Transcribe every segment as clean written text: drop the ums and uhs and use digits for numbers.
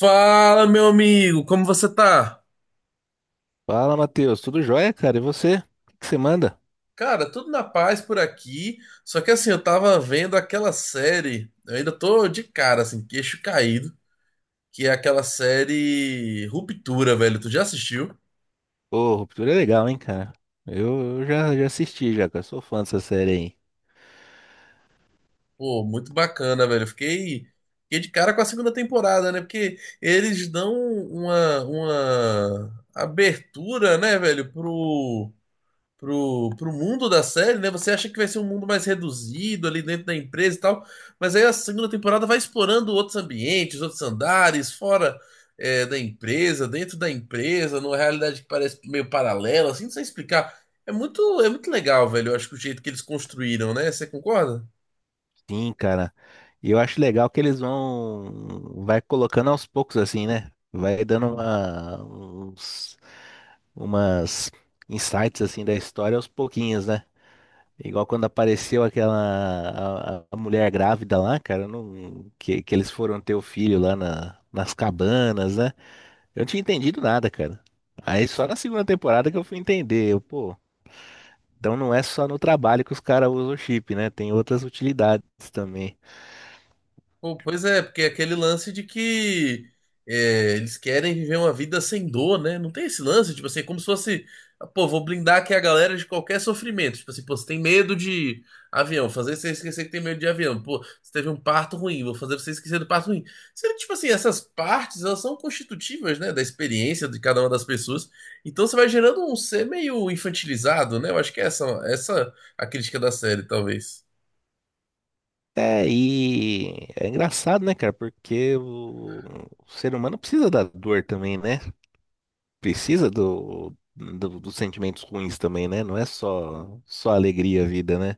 Fala, meu amigo, como você tá? Fala, Matheus. Tudo jóia, cara? E você? O que que você manda? Cara, tudo na paz por aqui. Só que assim, eu tava vendo aquela série, eu ainda tô de cara, assim, queixo caído, que é aquela série Ruptura, velho. Tu já assistiu? Ô, Ruptura é legal, hein, cara? Eu já assisti, já, cara. Sou fã dessa série aí. Pô, muito bacana, velho. Eu fiquei de cara com a segunda temporada, né? Porque eles dão uma abertura, né, velho, pro mundo da série, né? Você acha que vai ser um mundo mais reduzido ali dentro da empresa e tal, mas aí a segunda temporada vai explorando outros ambientes, outros andares, fora da empresa, dentro da empresa, numa realidade que parece meio paralela, assim, não sei explicar. É muito legal, velho. Eu acho que o jeito que eles construíram, né? Você concorda? Sim, cara. E eu acho legal que eles vão... Vai colocando aos poucos, assim, né? Vai dando uma... Umas insights, assim, da história aos pouquinhos, né? Igual quando apareceu aquela... A mulher grávida lá, cara. Que eles foram ter o filho lá nas cabanas, né? Eu não tinha entendido nada, cara. Aí só na segunda temporada que eu fui entender. Eu, pô, então não é só no trabalho que os caras usam o chip, né? Tem outras utilidades também. Pô, pois é, porque é aquele lance de que eles querem viver uma vida sem dor, né? Não tem esse lance, tipo assim, é como se fosse, pô, vou blindar aqui a galera de qualquer sofrimento. Tipo assim, pô, você tem medo de avião, fazer você esquecer que tem medo de avião. Pô, você teve um parto ruim, vou fazer você esquecer do parto ruim. Sendo tipo assim, essas partes, elas são constitutivas, né, da experiência de cada uma das pessoas. Então você vai gerando um ser meio infantilizado, né? Eu acho que é essa, essa a crítica da série, talvez. É, e é engraçado, né, cara? Porque o ser humano precisa da dor também, né? Precisa dos sentimentos ruins também, né? Não é só, só alegria a vida, né?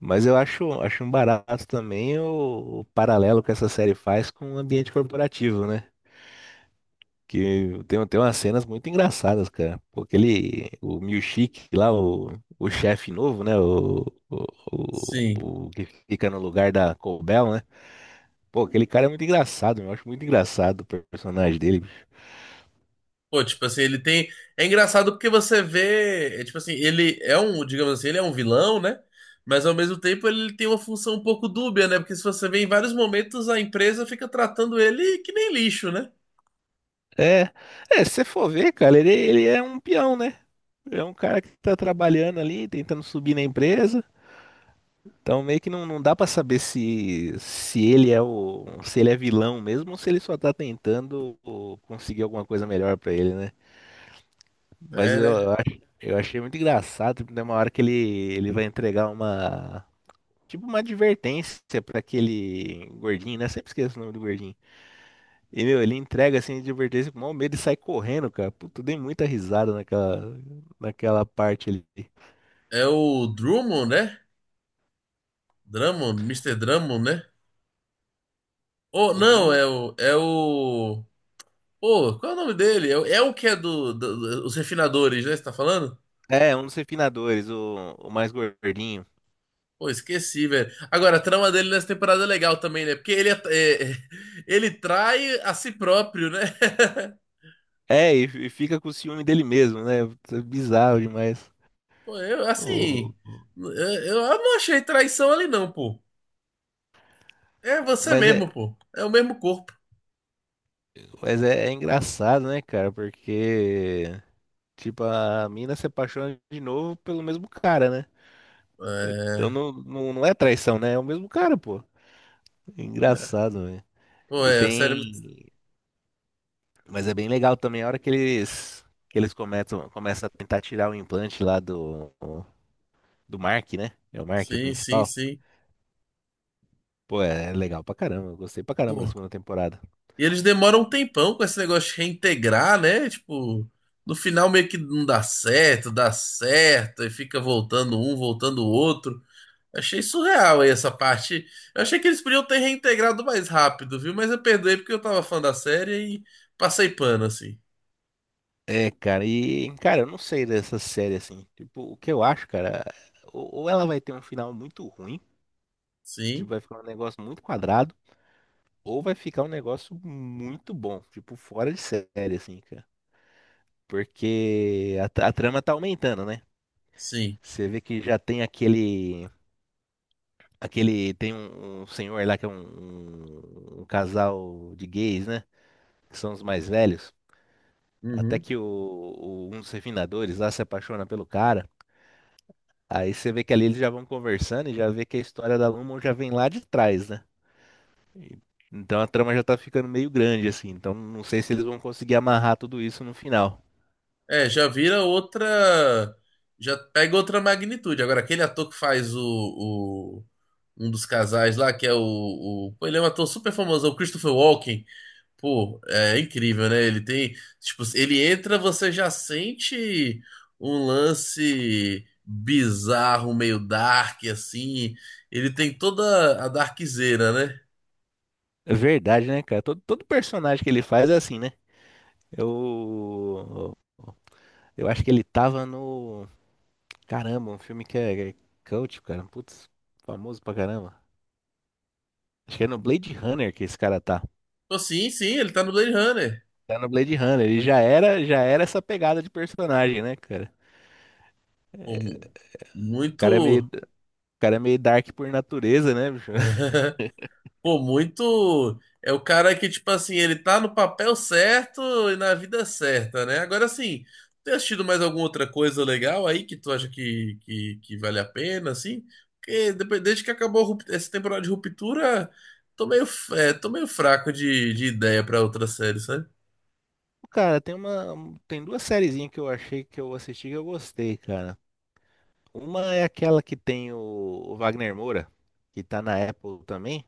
Mas acho um barato também o paralelo que essa série faz com o ambiente corporativo, né? Que tem umas cenas muito engraçadas, cara. Porque ele, o Milkshake lá, o chefe novo, né? O, Sim. O que fica no lugar da Cobel, né? Pô, aquele cara é muito engraçado, eu acho muito engraçado o personagem dele, bicho. Pô, tipo assim, ele tem. É engraçado porque você vê. Tipo assim, ele é um, digamos assim, ele é um vilão, né? Mas ao mesmo tempo ele tem uma função um pouco dúbia, né? Porque se você vê em vários momentos a empresa fica tratando ele que nem lixo, né? É, é, se você for ver, cara, ele é um peão, né? É um cara que tá trabalhando ali, tentando subir na empresa. Então meio que não dá pra saber se ele é se ele é vilão mesmo ou se ele só tá tentando ô, conseguir alguma coisa melhor pra ele, né? Mas É, né? Eu achei muito engraçado, tipo, tem uma hora que ele vai entregar uma, tipo uma advertência pra aquele gordinho, né? Sempre esqueço o nome do gordinho. E, meu, ele entrega assim, a advertência com o maior medo e sai correndo, cara. Puta, eu dei muita risada naquela parte ali. É o Drummond, né? Drummond, Mister Drummond, né? Oh, O não, Drummond é o. É o. Pô, qual é o nome dele? É, o é o que é do os refinadores, né? Você tá falando? é um dos refinadores, o mais gordinho. Pô, esqueci, velho. Agora, a trama dele nessa temporada é legal também, né? Porque ele, ele trai a si próprio, né? É, e fica com o ciúme dele mesmo, né? Puta, bizarro demais. Pô, eu, assim, o- eu não achei traição ali, não, pô. É você mas é, mesmo, pô. É o mesmo corpo. mas é é engraçado, né, cara? Porque. Tipo, a mina se apaixona de novo pelo mesmo cara, né? Então É, não é traição, né? É o mesmo cara, pô. Engraçado, velho. pô, E é, a série. É muito- tem. Mas é bem legal também a hora que começam a tentar tirar o implante lá do, do Mark, né? É o Mark, o Sim, sim, principal. sim. Pô, é legal pra caramba. Eu gostei pra caramba da Pô. segunda temporada. E eles demoram um tempão com esse negócio de reintegrar, né? Tipo, no final meio que não dá certo, dá certo, e fica voltando um, voltando o outro. Achei surreal aí essa parte. Eu achei que eles podiam ter reintegrado mais rápido, viu? Mas eu perdoei porque eu tava fã da série e passei pano, assim. É, cara, cara, eu não sei dessa série assim. Tipo, o que eu acho, cara, ou ela vai ter um final muito ruim, tipo, Sim, vai ficar um negócio muito quadrado. Ou vai ficar um negócio muito bom, tipo, fora de série, assim, cara. Porque a trama tá aumentando, né? sim. Você vê que já tem aquele. Aquele. Tem um senhor lá que é um casal de gays, né? Que são os mais velhos. Até Uhum. que um dos refinadores lá se apaixona pelo cara. Aí você vê que ali eles já vão conversando e já vê que a história da Lumon já vem lá de trás, né? E- Então a trama já tá ficando meio grande, assim. Então não sei se eles vão conseguir amarrar tudo isso no final. É, já vira outra. Já pega outra magnitude. Agora, aquele ator que faz o- um dos casais lá, que é o. pô, ele é um ator super famoso, é o Christopher Walken. Pô, é incrível, né? Ele tem, tipo, ele entra, você já sente um lance bizarro, meio dark, assim. Ele tem toda a darkzeira, né? É verdade, né, cara? Todo personagem que ele faz é assim, né? Eu. Eu acho que ele tava no. Caramba, um filme que é cult, cara. Putz, famoso pra caramba. Acho que é no Blade Runner que esse cara tá. Pô, sim, sim, ele tá no Blade Runner. Tá no Blade Runner. Já era essa pegada de personagem, né, cara? Pô, mu- muito. O cara é meio dark por natureza, né, bicho? Pô, muito. É o cara que, tipo assim, ele tá no papel certo e na vida certa, né? Agora assim, tem assistido mais alguma outra coisa legal aí que tu acha que vale a pena, assim? Porque depois, desde que acabou a rup- essa temporada de Ruptura, tô meio, f- tô meio fraco de ideia pra outra série, sabe? Cara, tem duas sériezinhas que eu achei que eu assisti que eu gostei, cara. Uma é aquela que tem o Wagner Moura, que tá na Apple também.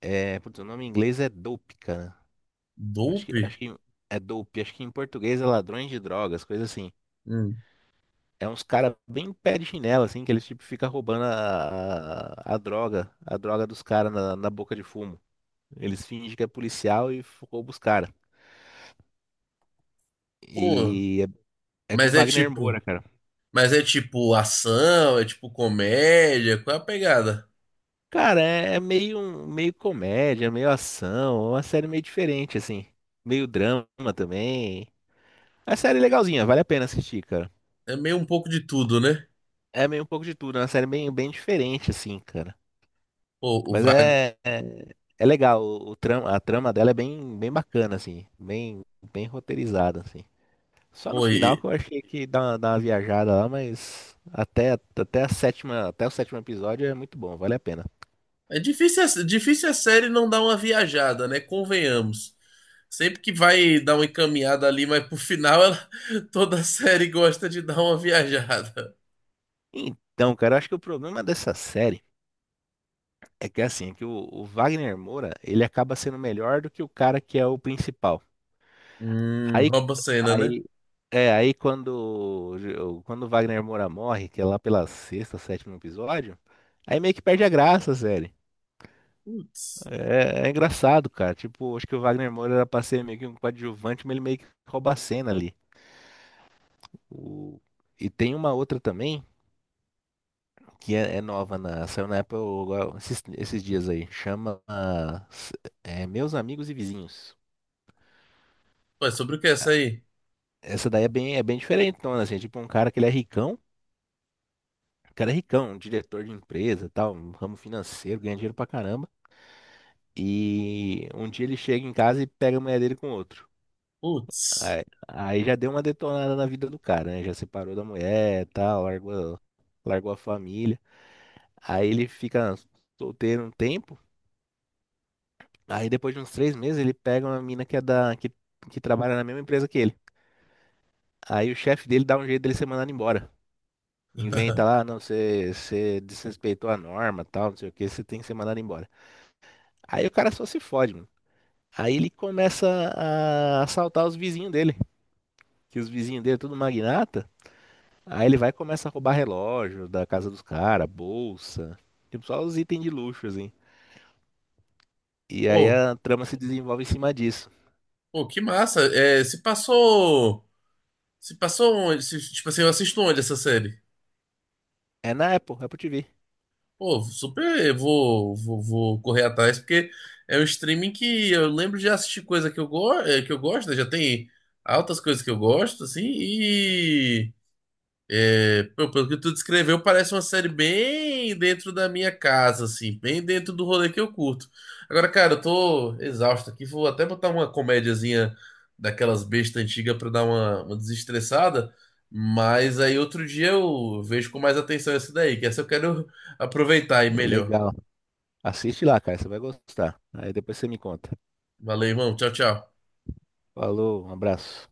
É, putz, o nome em inglês é dope, cara. Dope? Acho que é dope. Acho que em português é ladrões de drogas, coisa assim. Hum. É uns cara bem pé de chinela, assim, que eles tipo ficam roubando a droga dos caras na boca de fumo. Eles fingem que é policial e roubam os caras. E Pô, é, é com mas é Wagner tipo. Moura, cara. Mas é tipo ação, é tipo comédia, qual é a pegada? Cara, é, é meio, meio comédia, meio ação, é uma série meio diferente, assim. Meio drama também. A série é legalzinha, vale a pena assistir, cara. É meio um pouco de tudo, né? É meio um pouco de tudo, é uma série bem diferente, assim, cara. Pô, o Mas Wagner. É legal, o trama, a trama dela é bem bacana, assim, bem roteirizada, assim. Só no final que eu achei que dá uma viajada lá, mas até a sétima, até o sétimo episódio é muito bom, vale a pena. É difícil, a- difícil a série não dar uma viajada, né? Convenhamos. Sempre que vai dar uma encaminhada ali, mas pro final ela, toda série gosta de dar uma viajada. Então, cara, eu acho que o problema dessa série é que, assim, é que o Wagner Moura, ele acaba sendo melhor do que o cara que é o principal. Aí, Rouba cena, né? aí, é, aí quando, o- quando o Wagner Moura morre, que é lá pela sexta, sétimo episódio, aí meio que perde a graça, sério. Putz. É, é engraçado, cara. Tipo, acho que o Wagner Moura era pra ser meio que um coadjuvante, mas ele meio que rouba a cena ali. O- E tem uma outra também, que é nova, na... saiu na Apple agora, esses dias aí. Chama Meus Amigos e Vizinhos. Ué, sobre o que é essa aí? Essa daí é é bem diferentona, assim. É Tipo, um cara que ele é ricão. O cara é ricão, um diretor de empresa, tal, um ramo financeiro, ganha dinheiro pra caramba. E um dia ele chega em casa e pega a mulher dele com outro. Putz. Aí já deu uma detonada na vida do cara, né? Já separou da mulher, tal, largou a família. Aí ele fica solteiro um tempo. Aí depois de uns três meses ele pega uma mina que trabalha na mesma empresa que ele. Aí o chefe dele dá um jeito dele ser mandado embora. Inventa lá, "Ah, não, você desrespeitou a norma, tal, não sei o que, você tem que ser mandado embora." Aí o cara só se fode. Aí ele começa a assaltar os vizinhos dele, que os vizinhos dele é tudo magnata. Aí ele vai e começa a roubar relógio da casa dos caras, bolsa, tipo só os itens de luxo, assim. E aí Pô, a trama se desenvolve em cima disso. pô, que massa. É, se passou. Se passou onde? Se, tipo assim, eu assisto onde essa série? É na Apple, Apple TV. Pô, super, eu vou, vou correr atrás, porque é um streaming que eu lembro de assistir coisa que eu, que eu gosto, né? Já tem altas coisas que eu gosto, assim, é, pô, pelo que tu descreveu, parece uma série bem dentro da minha casa, assim, bem dentro do rolê que eu curto. Agora, cara, eu tô exausto aqui, vou até botar uma comédiazinha daquelas bestas antigas pra dar uma desestressada, mas aí outro dia eu vejo com mais atenção essa daí, que essa eu quero aproveitar e melhor. Legal. Assiste lá, cara, você vai gostar. Aí depois você me conta. Valeu, irmão. Tchau, tchau. Falou, um abraço.